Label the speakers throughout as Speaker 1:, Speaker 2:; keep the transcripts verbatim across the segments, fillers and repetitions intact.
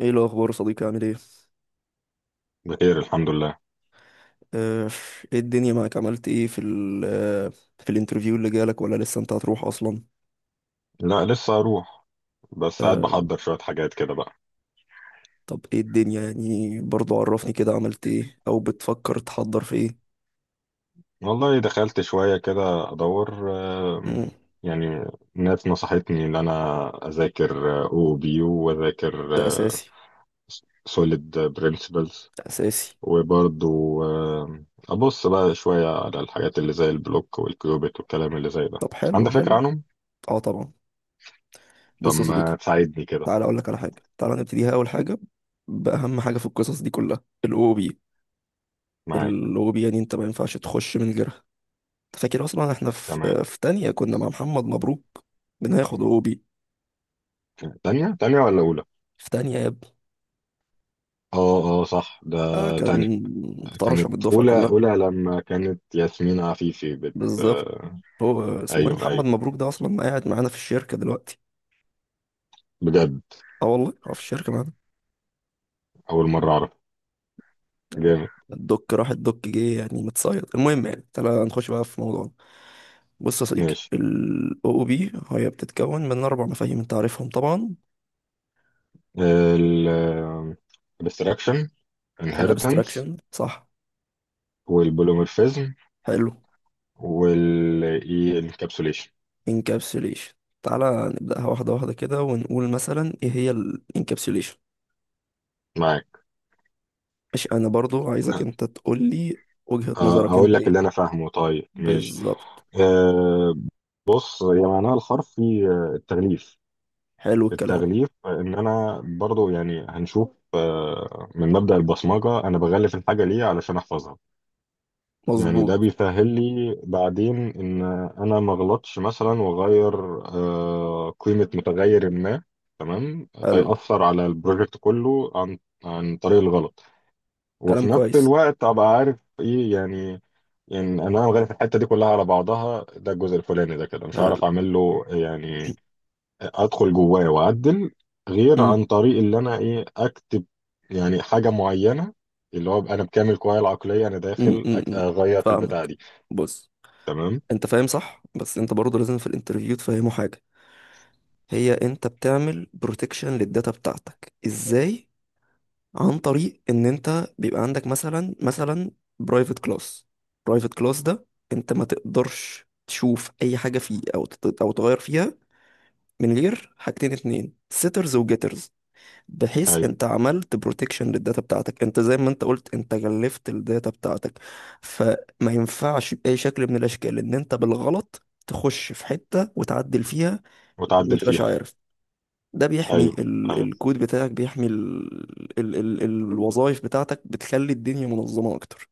Speaker 1: ايه الاخبار يا صديقي؟ عامل ايه؟
Speaker 2: بخير الحمد لله.
Speaker 1: آه، ايه الدنيا معاك؟ عملت ايه في ال آه، في الانترفيو اللي جالك، ولا لسه انت هتروح اصلا؟
Speaker 2: لا لسه اروح، بس قاعد
Speaker 1: آه،
Speaker 2: بحضر شوية حاجات كده بقى.
Speaker 1: طب ايه الدنيا يعني؟ برضو عرفني كده، عملت ايه او بتفكر تحضر في ايه؟
Speaker 2: والله دخلت شوية كده ادور. آم،
Speaker 1: مم،
Speaker 2: يعني ناس نصحتني ان انا اذاكر او بي يو واذاكر
Speaker 1: ده اساسي.
Speaker 2: سوليد برينسيبلز
Speaker 1: ده اساسي.
Speaker 2: وبرضو آم، ابص بقى شوية على الحاجات اللي زي البلوك والكيوبيت والكلام اللي زي ده.
Speaker 1: طب حلو
Speaker 2: عندك فكرة
Speaker 1: حلو.
Speaker 2: عنهم؟
Speaker 1: اه طبعا.
Speaker 2: طب
Speaker 1: بص يا صديقي،
Speaker 2: ما تساعدني كده.
Speaker 1: تعالى اقول لك على حاجه، تعالى نبتديها. اول حاجه، باهم حاجه في القصص دي كلها الاو بي.
Speaker 2: معاك.
Speaker 1: الاو بي يعني انت ما ينفعش تخش من غيرها. أنت فاكر اصلا احنا في
Speaker 2: تمام.
Speaker 1: آه، في تانية كنا مع محمد مبروك؟ بناخد أو بي
Speaker 2: تانية تانية ولا اولى؟
Speaker 1: في تانية يا ابني.
Speaker 2: اه اه صح ده.
Speaker 1: اه كان
Speaker 2: تانية.
Speaker 1: طرشة
Speaker 2: كانت
Speaker 1: من الدفعة
Speaker 2: أولى
Speaker 1: كلها.
Speaker 2: أولى لما كانت ياسمين عفيفي بت
Speaker 1: بالظبط.
Speaker 2: آه،
Speaker 1: هو اسمه ايه؟
Speaker 2: أيوه
Speaker 1: محمد
Speaker 2: أيوه.
Speaker 1: مبروك ده اصلا قاعد معانا في الشركة دلوقتي؟
Speaker 2: بجد.
Speaker 1: اه والله هو في الشركة معانا.
Speaker 2: أول مرة أعرف. جامد.
Speaker 1: الدك راح الدك جه يعني، متصيد. المهم، يعني تعالى نخش بقى في موضوعنا. بص يا صديقي،
Speaker 2: ماشي.
Speaker 1: ال أو أو بي هي بتتكون من أربع مفاهيم أنت عارفهم طبعا.
Speaker 2: ال abstraction،
Speaker 1: ال
Speaker 2: inheritance،
Speaker 1: Abstraction، صح.
Speaker 2: والبوليمورفيزم،
Speaker 1: حلو.
Speaker 2: وال encapsulation.
Speaker 1: Encapsulation. تعالى نبدأها واحدة واحدة كده ونقول مثلا إيه هي ال Encapsulation.
Speaker 2: معاك.
Speaker 1: مش أنا برضو عايزك أنت تقول لي وجهة
Speaker 2: آه،
Speaker 1: نظرك
Speaker 2: أقول
Speaker 1: أنت
Speaker 2: لك
Speaker 1: إيه؟
Speaker 2: اللي أنا فاهمه طيب ماشي.
Speaker 1: بالظبط.
Speaker 2: أه بص، هي معناها الحرفي آه، التغليف.
Speaker 1: حلو الكلام.
Speaker 2: التغليف. آه، إن أنا برضو يعني هنشوف آه، من مبدأ البصمجة أنا بغلف الحاجة ليه علشان أحفظها. يعني
Speaker 1: مظبوط.
Speaker 2: ده بيسهل لي بعدين ان انا ما اغلطش مثلا واغير آه، قيمة متغير ما. تمام،
Speaker 1: حلو.
Speaker 2: فيأثر على البروجكت كله عن عن طريق الغلط. وفي
Speaker 1: كلام
Speaker 2: نفس
Speaker 1: كويس.
Speaker 2: الوقت ابقى عارف ايه يعني، يعني انا غالب الحته دي كلها على بعضها. ده الجزء الفلاني ده كده مش
Speaker 1: حلو.
Speaker 2: هعرف اعمل له يعني ادخل جواه واعدل غير
Speaker 1: م-
Speaker 2: عن طريق اللي انا ايه اكتب يعني حاجه معينه، اللي هو أبقى انا بكامل قواي العقليه انا
Speaker 1: م-
Speaker 2: داخل
Speaker 1: م-
Speaker 2: أك-
Speaker 1: م.
Speaker 2: اغير في البتاعه
Speaker 1: فاهمك.
Speaker 2: دي.
Speaker 1: بص،
Speaker 2: تمام.
Speaker 1: انت فاهم صح، بس انت برضه لازم في الانترفيو تفهمه حاجة. هي انت بتعمل بروتكشن للداتا بتاعتك ازاي؟ عن طريق ان انت بيبقى عندك مثلا مثلا برايفت كلاس. برايفت كلاس ده انت ما تقدرش تشوف اي حاجة فيه او تت- او تغير فيها من غير حاجتين اتنين، سيترز وجيترز. بحيث
Speaker 2: ايوه.
Speaker 1: انت عملت بروتكشن للداتا بتاعتك، انت زي ما انت قلت انت جلفت الداتا بتاعتك. فما ينفعش بأي شكل من الاشكال ان انت بالغلط تخش في حتة وتعدل فيها وما
Speaker 2: وتعدل
Speaker 1: تبقاش
Speaker 2: فيها.
Speaker 1: عارف. ده بيحمي
Speaker 2: ايوه
Speaker 1: ال
Speaker 2: ايوه.
Speaker 1: الكود بتاعك، بيحمي ال ال ال الوظائف بتاعتك، بتخلي الدنيا منظمة اكتر.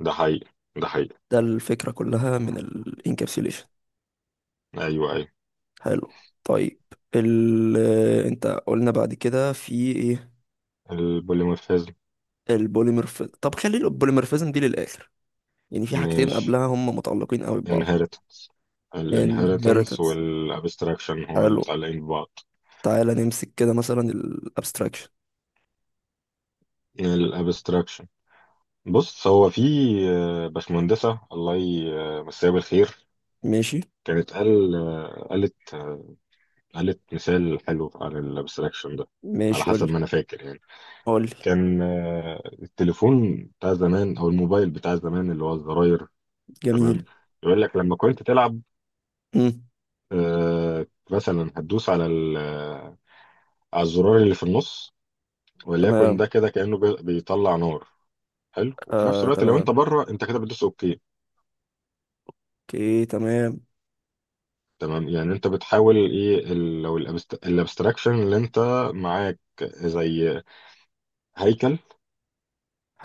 Speaker 2: ده حقيقي ده حقيقي.
Speaker 1: ده الفكرة كلها من الانكابسيليشن.
Speaker 2: ايوه ايوه.
Speaker 1: حلو. طيب، ال انت قلنا بعد كده في ايه؟
Speaker 2: البوليمورفيزم.
Speaker 1: البوليمورف طب خلي البوليمورفيزم دي للآخر، يعني في حاجتين
Speaker 2: مش
Speaker 1: قبلها هم متعلقين قوي ببعض.
Speaker 2: inheritance. الانهيرتنس
Speaker 1: inheritance،
Speaker 2: والابستراكشن هو اللي
Speaker 1: حلو.
Speaker 2: متعلقين ببعض.
Speaker 1: تعالى نمسك كده مثلا ال abstraction.
Speaker 2: الابستراكشن. بص هو في آه، باشمهندسة الله يمسيها بالخير،
Speaker 1: ماشي
Speaker 2: كانت قال آه، قالت آه، قالت مثال حلو عن الابستراكشن ده. على
Speaker 1: ماشي.
Speaker 2: حسب
Speaker 1: قولي
Speaker 2: ما انا فاكر يعني.
Speaker 1: قولي.
Speaker 2: كان آه، التليفون بتاع زمان او الموبايل بتاع زمان اللي هو الزراير.
Speaker 1: جميل.
Speaker 2: تمام. يقول لك لما كنت تلعب
Speaker 1: مم.
Speaker 2: آه، مثلا هتدوس على ال- آه، على الزرار اللي في النص، وليكن
Speaker 1: تمام.
Speaker 2: ده كده كأنه بي- بيطلع نار. حلو. وفي نفس
Speaker 1: آه
Speaker 2: الوقت لو انت
Speaker 1: تمام.
Speaker 2: بره انت كده بتدوس اوكي.
Speaker 1: اوكي تمام.
Speaker 2: تمام. يعني انت بتحاول ايه ال- لو الابستراكشن اللي انت معاك زي هيكل.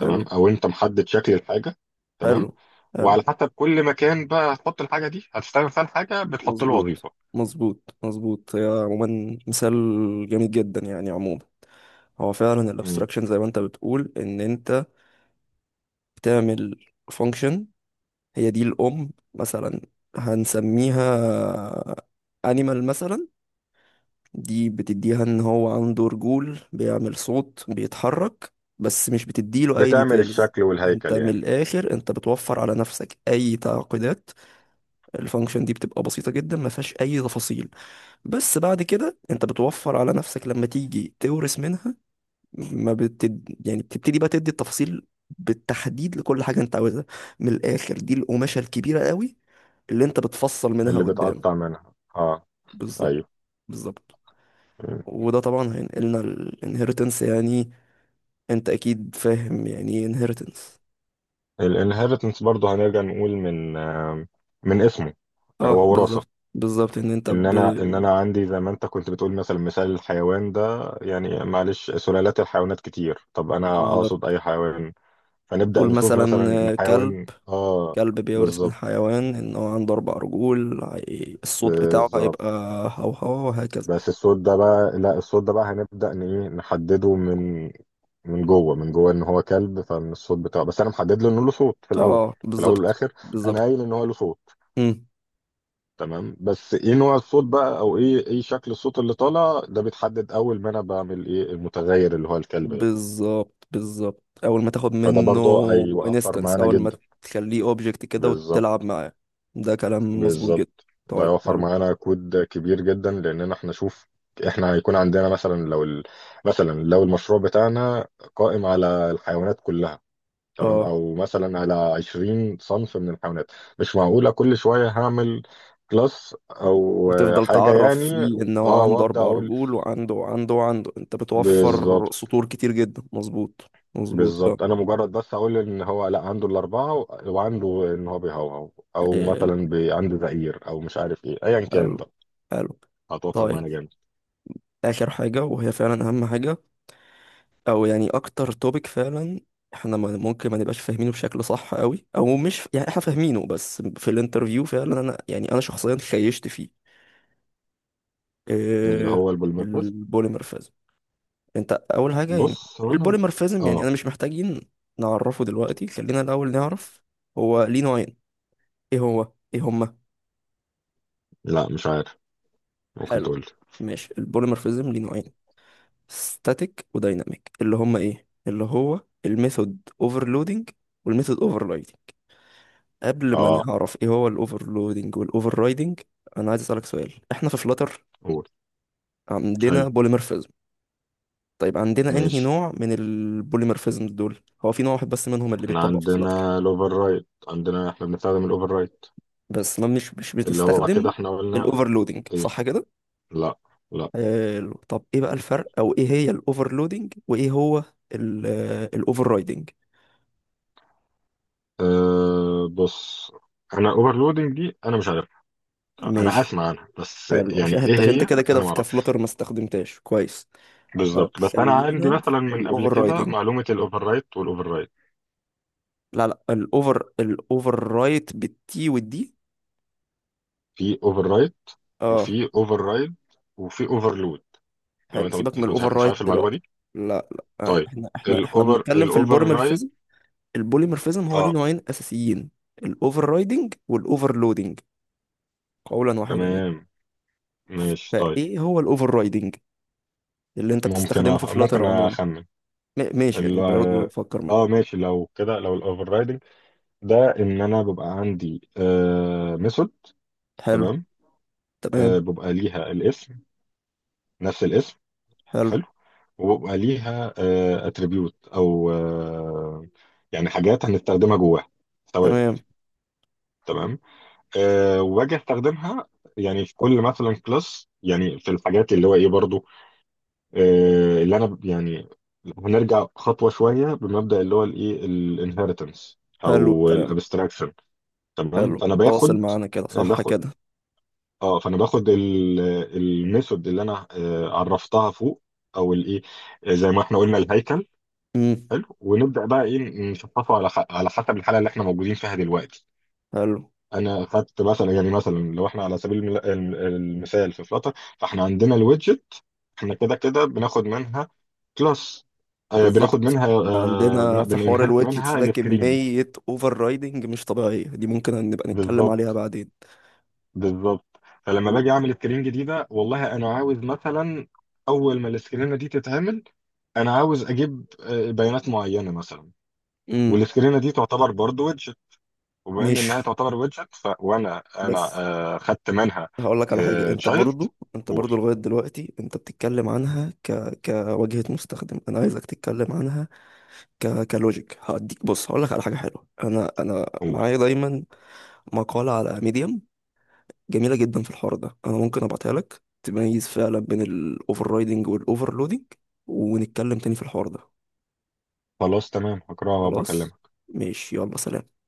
Speaker 2: تمام. او انت محدد شكل الحاجه.
Speaker 1: حلو
Speaker 2: تمام.
Speaker 1: حلو.
Speaker 2: وعلى حسب كل مكان بقى هتحط الحاجه دي هتستعمل فيها الحاجه بتحط له
Speaker 1: مظبوط
Speaker 2: وظيفه.
Speaker 1: مظبوط مظبوط. هي عموما مثال جميل جدا، يعني عموما هو فعلا
Speaker 2: مم.
Speaker 1: الابستراكشن زي ما انت بتقول ان انت بتعمل فانكشن، هي دي الام مثلا، هنسميها انيمال مثلا. دي بتديها ان هو عنده رجول، بيعمل صوت، بيتحرك، بس مش بتديله اي
Speaker 2: بتعمل
Speaker 1: ديتيلز.
Speaker 2: الشكل
Speaker 1: انت
Speaker 2: والهيكل
Speaker 1: من
Speaker 2: يعني.
Speaker 1: الاخر انت بتوفر على نفسك اي تعقيدات. الفانكشن دي بتبقى بسيطة جدا، ما فيهاش اي تفاصيل. بس بعد كده انت بتوفر على نفسك لما تيجي تورث منها. ما بتد... يعني بتبتدي بقى تدي التفاصيل بالتحديد لكل حاجة انت عاوزها. من الاخر، دي القماشة الكبيرة قوي اللي انت بتفصل منها
Speaker 2: اللي
Speaker 1: قدام.
Speaker 2: بتقطع منها اه.
Speaker 1: بالظبط.
Speaker 2: ايوه.
Speaker 1: بالظبط. وده طبعا هينقلنا الانهيرتنس، يعني انت اكيد فاهم يعني ايه انهيرتنس.
Speaker 2: الانهيرتنس برضه هنرجع نقول من آه، من اسمه.
Speaker 1: اه
Speaker 2: هو وراثه.
Speaker 1: بالظبط بالظبط، ان انت
Speaker 2: ان
Speaker 1: ب...
Speaker 2: انا ان انا عندي زي ما انت كنت بتقول مثلا مثال الحيوان ده. يعني معلش سلالات الحيوانات كتير، طب انا اقصد
Speaker 1: بالظبط.
Speaker 2: اي حيوان. فنبدا
Speaker 1: تقول
Speaker 2: نشوف مثلا
Speaker 1: مثلا
Speaker 2: إن
Speaker 1: آه، كلب.
Speaker 2: حيوان اه.
Speaker 1: كلب بيورث من
Speaker 2: بالظبط
Speaker 1: حيوان، ان هو عنده اربع رجول، هي- الصوت بتاعه
Speaker 2: بالظبط.
Speaker 1: هيبقى هوهو، وهكذا.
Speaker 2: بس الصوت ده بقى لا، الصوت ده بقى هنبدا ن- إيه، نحدده من من جوه من جوه ان هو كلب، فمن الصوت بتاعه. بس انا محدد له انه له صوت في الاول.
Speaker 1: اه
Speaker 2: في الاول
Speaker 1: بالظبط
Speaker 2: والاخر انا
Speaker 1: بالظبط.
Speaker 2: قايل ان هو له صوت.
Speaker 1: مم.
Speaker 2: تمام. بس ايه نوع الصوت بقى او ايه ايه شكل الصوت اللي طالع ده بيتحدد اول ما انا بعمل ايه المتغير اللي هو الكلب ده.
Speaker 1: بالظبط بالظبط. اول ما تاخد
Speaker 2: فده
Speaker 1: منه
Speaker 2: برضه هيوفر
Speaker 1: انستنس،
Speaker 2: معانا
Speaker 1: اول ما
Speaker 2: جدا.
Speaker 1: تخليه اوبجكت كده وتلعب
Speaker 2: بالظبط
Speaker 1: معاه. ده كلام مظبوط جدا.
Speaker 2: بالظبط. ده
Speaker 1: طيب
Speaker 2: هيوفر
Speaker 1: حلو.
Speaker 2: معانا كود كبير جدا لاننا احنا شوف احنا هيكون عندنا مثلا لو ال... مثلا لو المشروع بتاعنا قائم على الحيوانات كلها، تمام،
Speaker 1: اه،
Speaker 2: او مثلا على عشرين صنف من الحيوانات. مش معقولة كل شوية هعمل كلاس او آه،
Speaker 1: وتفضل
Speaker 2: حاجة
Speaker 1: تعرف
Speaker 2: يعني.
Speaker 1: فيه ان هو
Speaker 2: اه
Speaker 1: عنده
Speaker 2: وابدا
Speaker 1: اربع
Speaker 2: اقول.
Speaker 1: رجول وعنده وعنده وعنده. انت بتوفر
Speaker 2: بالظبط
Speaker 1: سطور كتير جدا. مظبوط مظبوط. اه.
Speaker 2: بالظبط. انا مجرد بس اقول ان هو لا عنده الاربعه و- وعنده ان هو بيهوهو، او
Speaker 1: حلو
Speaker 2: مثلا بي- عنده زئير او مش عارف ايه ايا كان
Speaker 1: حلو
Speaker 2: بقى.
Speaker 1: حلو.
Speaker 2: هتوفر
Speaker 1: طيب،
Speaker 2: معانا جامد.
Speaker 1: اخر حاجه وهي فعلا اهم حاجه، او يعني اكتر توبيك فعلا احنا ما- ممكن ما نبقاش فاهمينه بشكل صح قوي، او مش يعني احنا فاهمينه، بس في الانترفيو فعلا انا، يعني انا شخصيا خيشت فيه.
Speaker 2: اللي
Speaker 1: إيه؟
Speaker 2: هو البولمرفاس.
Speaker 1: البوليمورفيزم. انت اول حاجه يعني
Speaker 2: بص هو انا.
Speaker 1: البوليمورفيزم، يعني انا
Speaker 2: اه.
Speaker 1: مش محتاجين نعرفه دلوقتي. خلينا الاول نعرف هو ليه نوعين. ايه هو ايه هما؟
Speaker 2: لا مش عارف، ممكن
Speaker 1: حلو.
Speaker 2: تقول لي.
Speaker 1: ماشي، البوليمورفيزم ليه نوعين، ستاتيك ودايناميك، اللي هما ايه؟ اللي هو الميثود اوفرلودنج والميثود اوفررايدنج. قبل ما
Speaker 2: اه.
Speaker 1: نعرف ايه هو الاوفرلودنج والاوفررايدنج، انا عايز اسالك سؤال. احنا في فلاتر
Speaker 2: قول.
Speaker 1: عندنا
Speaker 2: ايوه.
Speaker 1: بوليمورفيزم؟ طيب، عندنا انهي
Speaker 2: ماشي.
Speaker 1: نوع من البوليمورفيزم دول؟ هو في نوع واحد بس منهم اللي
Speaker 2: احنا
Speaker 1: بيتطبق في فلاتر.
Speaker 2: عندنا الاوفر رايت. عندنا احنا بنستخدم الاوفر رايت.
Speaker 1: بس ما مش مش
Speaker 2: اللي هو كده
Speaker 1: بتستخدم
Speaker 2: احنا قلنا.
Speaker 1: الاوفرلودنج،
Speaker 2: ايه.
Speaker 1: صح كده؟
Speaker 2: لا. لا.
Speaker 1: حلو، طب ايه بقى الفرق؟ او ايه هي الاوفرلودنج وايه هو الاوفر رايدنج؟
Speaker 2: أه بص، انا اوفرلودنج دي انا مش عارف، انا
Speaker 1: ماشي،
Speaker 2: اسمع عنها بس
Speaker 1: حلو،
Speaker 2: يعني
Speaker 1: عشان
Speaker 2: ايه
Speaker 1: حتى عشان
Speaker 2: هي.
Speaker 1: انت كده كده
Speaker 2: انا ما
Speaker 1: في
Speaker 2: اعرفش
Speaker 1: كفلتر ما استخدمتهاش كويس. طب
Speaker 2: بالظبط، بس انا عندي
Speaker 1: خلينا
Speaker 2: مثلا
Speaker 1: في
Speaker 2: من قبل
Speaker 1: الاوفر
Speaker 2: كده
Speaker 1: رايدنج.
Speaker 2: معلومه الاوفر رايت والاوفر رايت.
Speaker 1: لا لا، الاوفر الاوفر رايت بالتي والدي.
Speaker 2: في اوفر رايت
Speaker 1: اه.
Speaker 2: وفي اوفر رايد وفي اوفرلود. لو
Speaker 1: حلو،
Speaker 2: انت
Speaker 1: سيبك من
Speaker 2: انت مش
Speaker 1: الاوفر
Speaker 2: مش
Speaker 1: رايت
Speaker 2: عارف المعلومه
Speaker 1: دلوقتي.
Speaker 2: دي.
Speaker 1: لا لا، آه،
Speaker 2: طيب.
Speaker 1: احنا احنا احنا
Speaker 2: الاوفر
Speaker 1: بنتكلم في
Speaker 2: الاوفر رايد.
Speaker 1: البوليمورفيزم. البوليمورفيزم هو ليه
Speaker 2: اه.
Speaker 1: نوعين اساسيين، الاوفر رايدنج والاوفر لودنج، قولا واحدا يعني.
Speaker 2: تمام ماشي طيب.
Speaker 1: فايه هو الاوفر رايدنج اللي انت
Speaker 2: ممكن
Speaker 1: بتستخدمه
Speaker 2: أ...
Speaker 1: في فلاتر
Speaker 2: ممكن
Speaker 1: عموما؟
Speaker 2: اخمن.
Speaker 1: م- ماشي،
Speaker 2: ال...
Speaker 1: يعني برضه فكر معايا.
Speaker 2: اه ماشي لو كده، لو الاوفر رايدنج ده ان انا ببقى عندي آه ميثود.
Speaker 1: حلو.
Speaker 2: تمام.
Speaker 1: تمام.
Speaker 2: آه ببقى ليها الاسم، نفس الاسم.
Speaker 1: حلو
Speaker 2: حلو. وبيبقى ليها اتريبيوت او آه، يعني حاجات هنستخدمها جواها، ثوابت.
Speaker 1: تمام.
Speaker 2: تمام. آه، وباجي استخدمها يعني في كل مثلا كلاس يعني في الحاجات اللي هو ايه برضو آه، اللي انا ب- يعني هنرجع خطوه شويه بمبدا اللي هو الايه الانهيرتنس
Speaker 1: حلو
Speaker 2: او
Speaker 1: الكلام.
Speaker 2: الابستراكشن. تمام.
Speaker 1: حلو،
Speaker 2: فانا
Speaker 1: انت واصل
Speaker 2: باخد
Speaker 1: معانا كده، صح
Speaker 2: باخد
Speaker 1: كده؟
Speaker 2: اه. فانا باخد الميثود اللي انا آه، عرفتها فوق او الايه زي ما احنا قلنا الهيكل.
Speaker 1: امم.
Speaker 2: حلو. ونبدا بقى ايه نشطفه على ح- على حسب الحاله اللي احنا موجودين فيها دلوقتي.
Speaker 1: حلو.
Speaker 2: انا خدت مثلا، يعني مثلا لو احنا على سبيل المل- الم- المثال في فلاتر. فاحنا عندنا الويدجت. احنا كده كده بناخد منها كلاس. آه بناخد
Speaker 1: بالظبط،
Speaker 2: منها
Speaker 1: احنا
Speaker 2: آه
Speaker 1: عندنا
Speaker 2: بن-
Speaker 1: في حوار
Speaker 2: بننهرت
Speaker 1: الويدجتس
Speaker 2: منها
Speaker 1: ده
Speaker 2: السكرين.
Speaker 1: كمية اوفر رايدنج مش طبيعية، دي ممكن نبقى نتكلم عليها
Speaker 2: بالظبط
Speaker 1: بعدين.
Speaker 2: بالظبط. فلما باجي اعمل سكرين جديده، والله انا عاوز مثلا اول ما السكرينه دي تتعمل انا عاوز اجيب آه، بيانات معينه مثلا.
Speaker 1: امم.
Speaker 2: والسكرينه دي تعتبر برضه، وبما ان
Speaker 1: ماشي.
Speaker 2: انها تعتبر ويدجت فانا انا
Speaker 1: بس
Speaker 2: آه خدت منها
Speaker 1: هقول لك على حاجة،
Speaker 2: آه
Speaker 1: انت
Speaker 2: تشايلد.
Speaker 1: برضو، انت
Speaker 2: قول.
Speaker 1: برضو لغاية دلوقتي انت بتتكلم عنها ك... كواجهة مستخدم، انا عايزك تتكلم عنها ك... كلوجيك هديك. بص هقول لك على حاجة حلوة، انا انا
Speaker 2: قول.
Speaker 1: معايا دايما مقالة على ميديم جميلة جدا في الحوار ده، انا ممكن ابعتها لك، تميز فعلا بين الاوفر رايدنج والاوفرلودنج، ونتكلم تاني في الحوار ده.
Speaker 2: خلاص تمام هقراها
Speaker 1: خلاص.
Speaker 2: وبكلمك.
Speaker 1: ماشي، يلا سلام.